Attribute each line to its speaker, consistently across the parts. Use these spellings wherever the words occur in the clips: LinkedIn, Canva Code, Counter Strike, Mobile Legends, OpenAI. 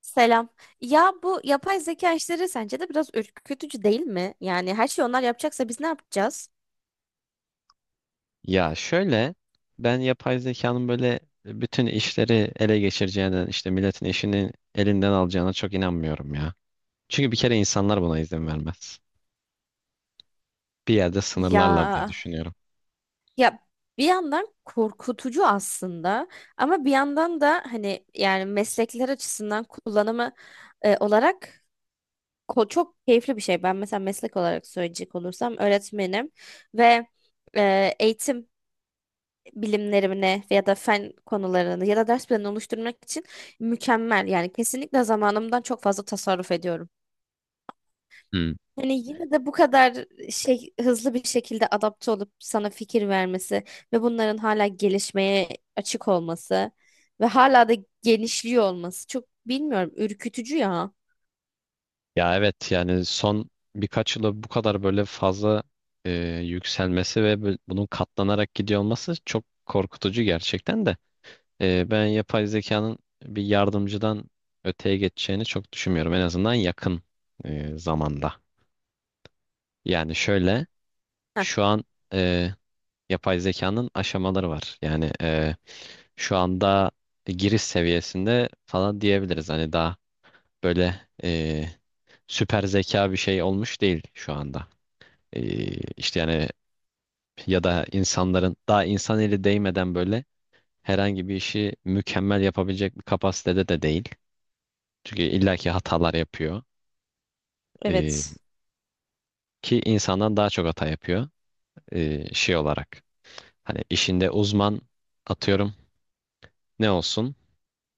Speaker 1: Selam. Ya bu yapay zeka işleri sence de biraz ürkütücü değil mi? Yani her şeyi onlar yapacaksa biz ne yapacağız?
Speaker 2: Ya şöyle, ben yapay zekanın böyle bütün işleri ele geçireceğinden milletin işini elinden alacağına çok inanmıyorum ya. Çünkü bir kere insanlar buna izin vermez. Bir yerde sınırlarlar
Speaker 1: Ya
Speaker 2: diye düşünüyorum.
Speaker 1: ya bir yandan korkutucu aslında ama bir yandan da hani yani meslekler açısından kullanımı olarak çok keyifli bir şey. Ben mesela meslek olarak söyleyecek olursam öğretmenim ve eğitim bilimlerimine ya da fen konularını ya da ders planını oluşturmak için mükemmel. Yani kesinlikle zamanımdan çok fazla tasarruf ediyorum.
Speaker 2: Hmm.
Speaker 1: Hani yine de bu kadar şey hızlı bir şekilde adapte olup sana fikir vermesi ve bunların hala gelişmeye açık olması ve hala da genişliyor olması çok bilmiyorum ürkütücü ya.
Speaker 2: Ya evet, yani son birkaç yılda bu kadar böyle fazla e, yükselmesi ve bunun katlanarak gidiyor olması çok korkutucu gerçekten de. Ben yapay zekanın bir yardımcıdan öteye geçeceğini çok düşünmüyorum, en azından yakın zamanda. Yani şöyle.
Speaker 1: Heh,
Speaker 2: Şu an e, yapay zekanın aşamaları var. Yani şu anda giriş seviyesinde falan diyebiliriz. Hani daha böyle süper zeka bir şey olmuş değil şu anda. E, işte yani, ya da insanların daha insan eli değmeden böyle herhangi bir işi mükemmel yapabilecek bir kapasitede de değil. Çünkü illaki hatalar yapıyor. E,
Speaker 1: evet.
Speaker 2: Ki insandan daha çok hata yapıyor şey olarak. Hani işinde uzman, atıyorum ne olsun?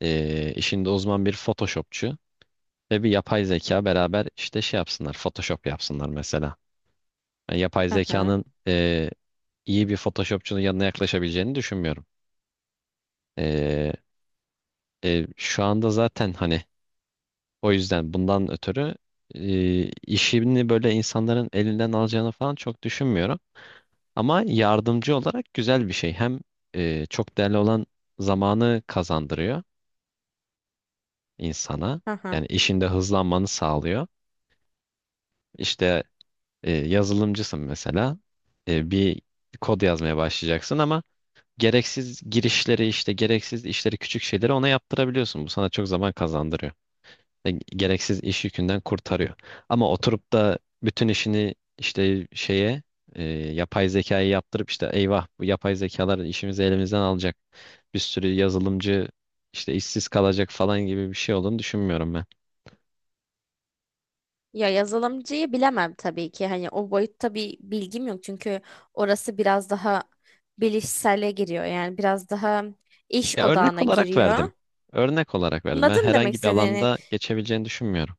Speaker 2: İşinde uzman bir Photoshopçu ve bir yapay zeka beraber işte şey yapsınlar, Photoshop yapsınlar mesela. Yani yapay
Speaker 1: Hı hı.
Speaker 2: zekanın iyi bir Photoshopçunun yanına yaklaşabileceğini düşünmüyorum. E, Şu anda zaten hani o yüzden, bundan ötürü işini böyle insanların elinden alacağını falan çok düşünmüyorum. Ama yardımcı olarak güzel bir şey. Hem çok değerli olan zamanı kazandırıyor insana.
Speaker 1: Hı hı.
Speaker 2: Yani işinde hızlanmanı sağlıyor. İşte, yazılımcısın mesela. Bir kod yazmaya başlayacaksın ama gereksiz girişleri, işte gereksiz işleri, küçük şeyleri ona yaptırabiliyorsun. Bu sana çok zaman kazandırıyor. Gereksiz iş yükünden kurtarıyor. Ama oturup da bütün işini işte şeye, yapay zekayı yaptırıp işte eyvah bu yapay zekalar işimizi elimizden alacak, bir sürü yazılımcı işte işsiz kalacak falan gibi bir şey olduğunu düşünmüyorum ben.
Speaker 1: Ya yazılımcıyı bilemem tabii ki. Hani o boyutta bir bilgim yok çünkü orası biraz daha bilişsele giriyor. Yani biraz daha iş
Speaker 2: Ya örnek
Speaker 1: odağına
Speaker 2: olarak
Speaker 1: giriyor.
Speaker 2: verdim. Örnek olarak verdim. Ben
Speaker 1: Anladım demek
Speaker 2: herhangi bir
Speaker 1: istediğini.
Speaker 2: alanda geçebileceğini düşünmüyorum.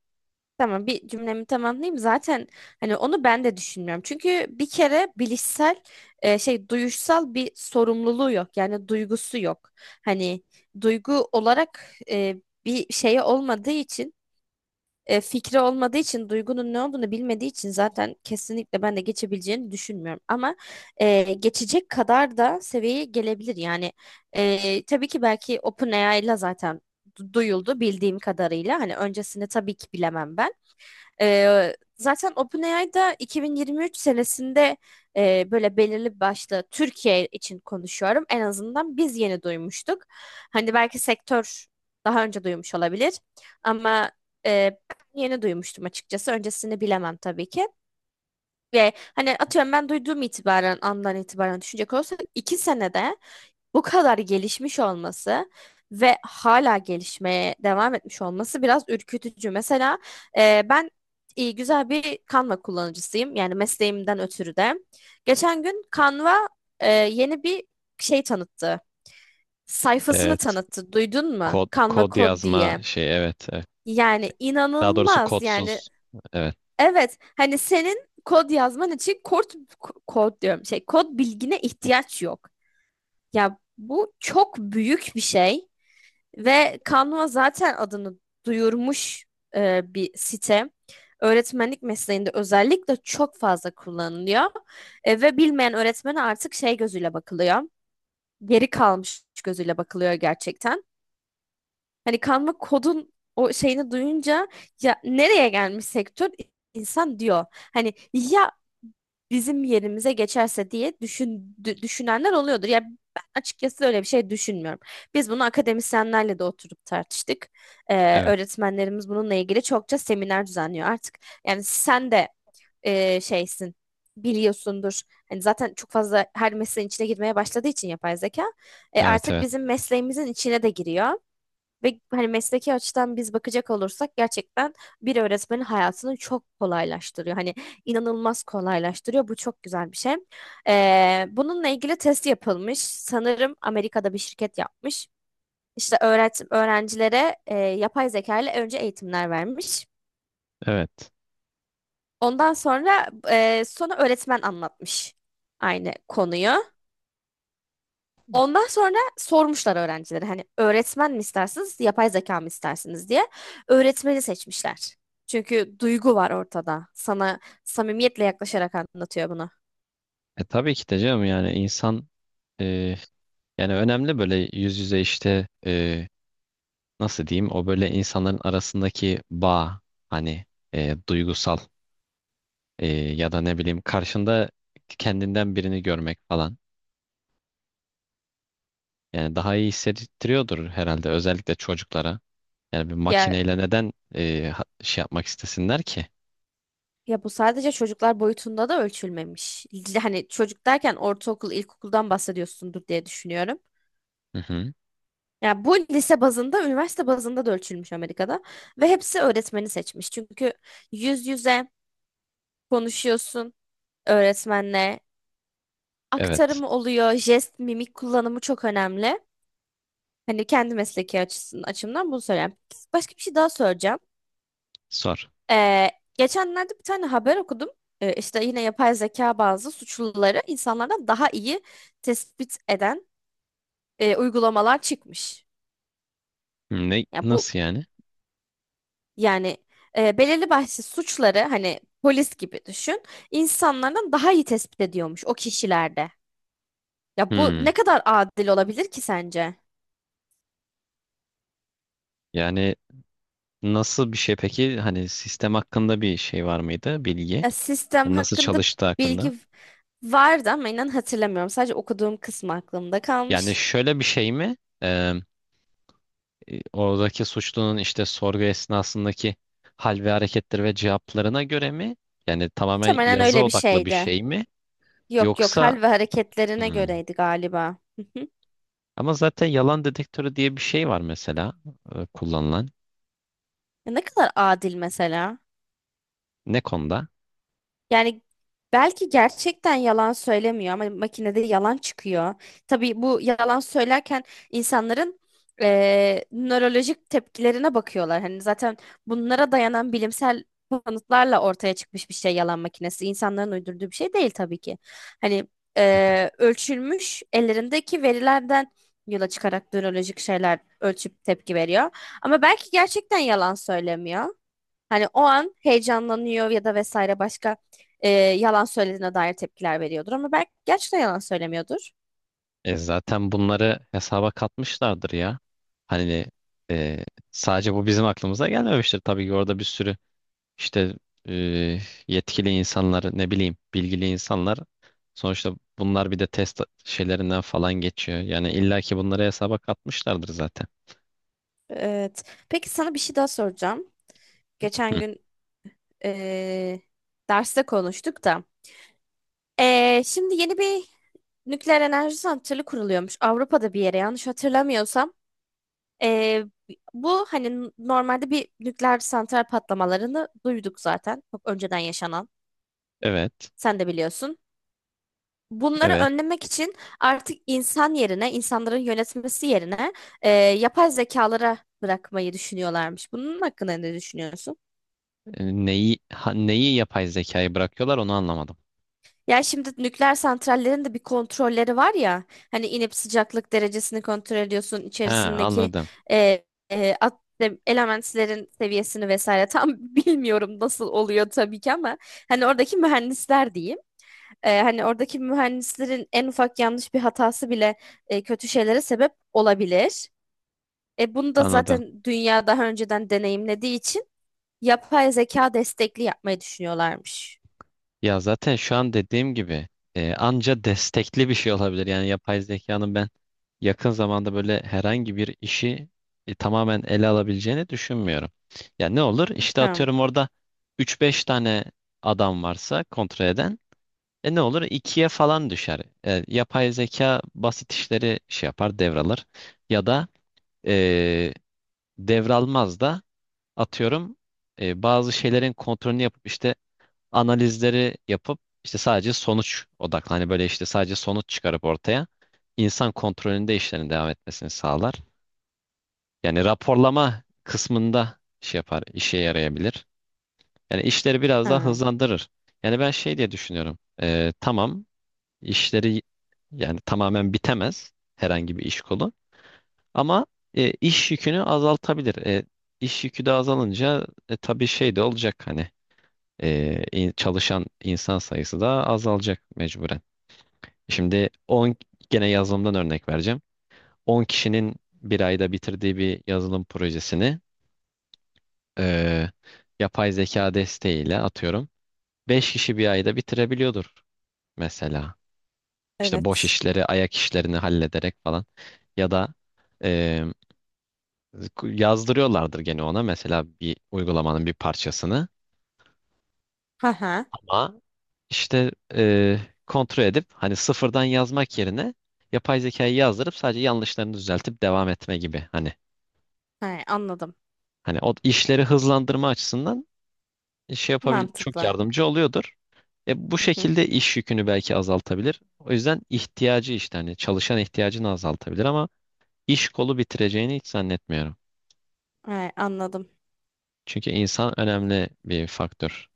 Speaker 1: Tamam bir cümlemi tamamlayayım. Zaten hani onu ben de düşünmüyorum. Çünkü bir kere bilişsel şey duyuşsal bir sorumluluğu yok. Yani duygusu yok. Hani duygu olarak bir şeye olmadığı için fikri olmadığı için duygunun ne olduğunu bilmediği için zaten kesinlikle ben de geçebileceğini düşünmüyorum. Ama geçecek kadar da seviyeye gelebilir. Yani tabii ki belki OpenAI ile zaten duyuldu bildiğim kadarıyla. Hani öncesini tabii ki bilemem ben. Zaten OpenAI'da 2023 senesinde böyle belirli başlı Türkiye için konuşuyorum. En azından biz yeni duymuştuk. Hani belki sektör daha önce duymuş olabilir ama e, ben yeni duymuştum açıkçası. Öncesini bilemem tabii ki. Ve hani atıyorum ben duyduğum itibaren andan itibaren düşünecek olursak iki senede bu kadar gelişmiş olması ve hala gelişmeye devam etmiş olması biraz ürkütücü. Mesela ben güzel bir Canva kullanıcısıyım. Yani mesleğimden ötürü de. Geçen gün Canva yeni bir şey tanıttı. Sayfasını
Speaker 2: Evet.
Speaker 1: tanıttı. Duydun mu?
Speaker 2: Kod,
Speaker 1: Canva
Speaker 2: kod
Speaker 1: Code
Speaker 2: yazma
Speaker 1: diye.
Speaker 2: şey, evet, evet.
Speaker 1: Yani
Speaker 2: Daha doğrusu
Speaker 1: inanılmaz. Yani
Speaker 2: kodsuz. Evet.
Speaker 1: evet, hani senin kod yazman için kod diyorum şey kod bilgine ihtiyaç yok. Ya bu çok büyük bir şey ve Canva zaten adını duyurmuş bir site. Öğretmenlik mesleğinde özellikle çok fazla kullanılıyor. E, ve bilmeyen öğretmene artık şey gözüyle bakılıyor. Geri kalmış gözüyle bakılıyor gerçekten. Hani Canva kodun o şeyini duyunca ya nereye gelmiş sektör insan diyor. Hani ya bizim yerimize geçerse diye düşünenler oluyordur. Ya ben açıkçası öyle bir şey düşünmüyorum. Biz bunu akademisyenlerle de oturup tartıştık.
Speaker 2: Evet.
Speaker 1: Öğretmenlerimiz bununla ilgili çokça seminer düzenliyor artık. Yani sen de şeysin biliyorsundur. Hani zaten çok fazla her mesleğin içine girmeye başladığı için yapay zeka. E,
Speaker 2: Evet.
Speaker 1: artık
Speaker 2: Evet.
Speaker 1: bizim mesleğimizin içine de giriyor. Ve hani mesleki açıdan biz bakacak olursak gerçekten bir öğretmenin hayatını çok kolaylaştırıyor. Hani inanılmaz kolaylaştırıyor. Bu çok güzel bir şey. Bununla ilgili test yapılmış. Sanırım Amerika'da bir şirket yapmış. İşte öğrencilere yapay zeka ile önce eğitimler vermiş.
Speaker 2: Evet.
Speaker 1: Ondan sonra sonra öğretmen anlatmış aynı konuyu. Ondan sonra sormuşlar öğrencilere hani öğretmen mi istersiniz, yapay zeka mı istersiniz diye. Öğretmeni seçmişler. Çünkü duygu var ortada. Sana samimiyetle yaklaşarak anlatıyor bunu.
Speaker 2: E tabii ki de canım, yani insan e, yani önemli böyle yüz yüze, işte nasıl diyeyim, o böyle insanların arasındaki bağ, hani duygusal, ya da ne bileyim karşında kendinden birini görmek falan. Yani daha iyi hissettiriyordur herhalde, özellikle çocuklara. Yani bir
Speaker 1: Ya
Speaker 2: makineyle neden şey yapmak istesinler ki?
Speaker 1: ya bu sadece çocuklar boyutunda da ölçülmemiş. Hani çocuk derken ortaokul, ilkokuldan bahsediyorsundur diye düşünüyorum.
Speaker 2: Hı hı.
Speaker 1: Ya bu lise bazında, üniversite bazında da ölçülmüş Amerika'da ve hepsi öğretmeni seçmiş. Çünkü yüz yüze konuşuyorsun öğretmenle
Speaker 2: Evet.
Speaker 1: aktarımı oluyor, jest, mimik kullanımı çok önemli. Hani kendi mesleki açısından, açımdan bunu söyleyeyim. Başka bir şey daha söyleyeceğim.
Speaker 2: Sor.
Speaker 1: Ee, Geçenlerde bir tane haber okudum. İşte yine yapay zeka bazı suçluları insanlardan daha iyi tespit eden uygulamalar çıkmış.
Speaker 2: Ne
Speaker 1: Ya bu
Speaker 2: nasıl yani?
Speaker 1: yani belirli başlı suçları hani polis gibi düşün, insanlardan daha iyi tespit ediyormuş o kişilerde. Ya bu
Speaker 2: Hmm.
Speaker 1: ne kadar adil olabilir ki sence?
Speaker 2: Yani nasıl bir şey peki? Hani sistem hakkında bir şey var mıydı, bilgi?
Speaker 1: Ya sistem
Speaker 2: Hani nasıl
Speaker 1: hakkında
Speaker 2: çalıştığı hakkında?
Speaker 1: bilgi vardı ama inan hatırlamıyorum. Sadece okuduğum kısmı aklımda
Speaker 2: Yani
Speaker 1: kalmış.
Speaker 2: şöyle bir şey mi? Ee, Oradaki suçlunun işte sorgu esnasındaki hal ve hareketleri ve cevaplarına göre mi? Yani tamamen
Speaker 1: Muhtemelen
Speaker 2: yazı
Speaker 1: öyle bir
Speaker 2: odaklı bir
Speaker 1: şeydi.
Speaker 2: şey mi?
Speaker 1: Yok yok
Speaker 2: Yoksa.
Speaker 1: hal ve hareketlerine
Speaker 2: Hmm.
Speaker 1: göreydi galiba. Hı hı.
Speaker 2: Ama zaten yalan dedektörü diye bir şey var mesela, kullanılan.
Speaker 1: Ya ne kadar adil mesela.
Speaker 2: Ne konuda?
Speaker 1: Yani belki gerçekten yalan söylemiyor ama makinede yalan çıkıyor. Tabii bu yalan söylerken insanların nörolojik tepkilerine bakıyorlar. Hani zaten bunlara dayanan bilimsel kanıtlarla ortaya çıkmış bir şey yalan makinesi. İnsanların uydurduğu bir şey değil tabii ki. Hani ölçülmüş ellerindeki verilerden yola çıkarak nörolojik şeyler ölçüp tepki veriyor. Ama belki gerçekten yalan söylemiyor. Hani o an heyecanlanıyor ya da vesaire başka yalan söylediğine dair tepkiler veriyordur. Ama belki gerçekten yalan söylemiyordur.
Speaker 2: Zaten bunları hesaba katmışlardır ya. Hani e, sadece bu bizim aklımıza gelmemiştir, tabii ki orada bir sürü, İşte e, yetkili insanlar, ne bileyim, bilgili insanlar, sonuçta bunlar bir de test şeylerinden falan geçiyor. Yani illaki bunları hesaba katmışlardır zaten.
Speaker 1: Evet. Peki sana bir şey daha soracağım. Geçen
Speaker 2: Hı.
Speaker 1: gün e, derste konuştuk da. E, şimdi yeni bir nükleer enerji santrali kuruluyormuş. Avrupa'da bir yere yanlış hatırlamıyorsam. E, bu hani normalde bir nükleer santral patlamalarını duyduk zaten. Çok önceden yaşanan.
Speaker 2: Evet,
Speaker 1: Sen de biliyorsun. Bunları
Speaker 2: evet.
Speaker 1: önlemek için artık insan yerine, insanların yönetmesi yerine yapay zekalara bırakmayı düşünüyorlarmış. Bunun hakkında ne düşünüyorsun?
Speaker 2: Neyi, neyi yapay zekayı bırakıyorlar, onu anlamadım.
Speaker 1: Ya şimdi nükleer santrallerin de bir kontrolleri var ya, hani inip sıcaklık derecesini kontrol ediyorsun,
Speaker 2: Ha,
Speaker 1: içerisindeki
Speaker 2: anladım.
Speaker 1: e, e, at- elementlerin seviyesini vesaire tam bilmiyorum nasıl oluyor tabii ki ama hani oradaki mühendisler diyeyim. E, hani oradaki mühendislerin en ufak yanlış bir hatası bile kötü şeylere sebep olabilir. E bunu da
Speaker 2: Anladım.
Speaker 1: zaten dünya daha önceden deneyimlediği için yapay zeka destekli yapmayı düşünüyorlarmış.
Speaker 2: Ya zaten şu an dediğim gibi anca destekli bir şey olabilir. Yani yapay zekanın ben yakın zamanda böyle herhangi bir işi tamamen ele alabileceğini düşünmüyorum. Ya ne olur? İşte
Speaker 1: Hım,
Speaker 2: atıyorum orada üç beş tane adam varsa kontrol eden. E ne olur? ikiye falan düşer. Yapay zeka basit işleri şey yapar, devralır. Ya da e, devralmaz da, atıyorum bazı şeylerin kontrolünü yapıp işte analizleri yapıp işte sadece sonuç odaklı. Hani böyle işte sadece sonuç çıkarıp ortaya, insan kontrolünde işlerin devam etmesini sağlar. Yani raporlama kısmında şey yapar, işe yarayabilir. Yani işleri biraz daha
Speaker 1: hım,
Speaker 2: hızlandırır. Yani ben şey diye düşünüyorum. Tamam, işleri, yani tamamen bitemez herhangi bir iş kolu ama iş yükünü azaltabilir. İş yükü de azalınca tabii şey de olacak, hani çalışan insan sayısı da azalacak mecburen. Şimdi 10, gene yazılımdan örnek vereceğim. 10 kişinin bir ayda bitirdiği bir yazılım projesini e, yapay zeka desteğiyle atıyorum 5 kişi bir ayda bitirebiliyordur mesela. İşte boş
Speaker 1: evet.
Speaker 2: işleri, ayak işlerini hallederek falan. Ya da e, yazdırıyorlardır gene ona mesela bir uygulamanın bir parçasını.
Speaker 1: Ha ha.
Speaker 2: Ama İşte kontrol edip hani sıfırdan yazmak yerine yapay zekayı yazdırıp sadece yanlışlarını düzeltip devam etme gibi, hani
Speaker 1: Hay, anladım.
Speaker 2: o işleri hızlandırma açısından şey yapabil, çok
Speaker 1: Mantıklı.
Speaker 2: yardımcı oluyordur. Bu
Speaker 1: Hı hı.
Speaker 2: şekilde iş yükünü belki azaltabilir. O yüzden ihtiyacı, işte hani çalışan ihtiyacını azaltabilir ama iş kolu bitireceğini hiç zannetmiyorum.
Speaker 1: Hay, anladım.
Speaker 2: Çünkü insan önemli bir faktör.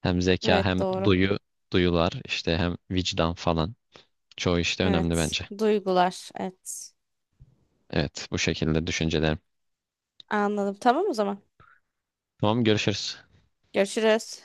Speaker 2: Hem zeka
Speaker 1: Evet
Speaker 2: hem
Speaker 1: doğru.
Speaker 2: duyu, duyular, işte hem vicdan falan. Çoğu işte önemli
Speaker 1: Evet.
Speaker 2: bence.
Speaker 1: Duygular. Evet.
Speaker 2: Evet, bu şekilde düşüncelerimi.
Speaker 1: Anladım. Tamam o zaman.
Speaker 2: Tamam, görüşürüz.
Speaker 1: Görüşürüz.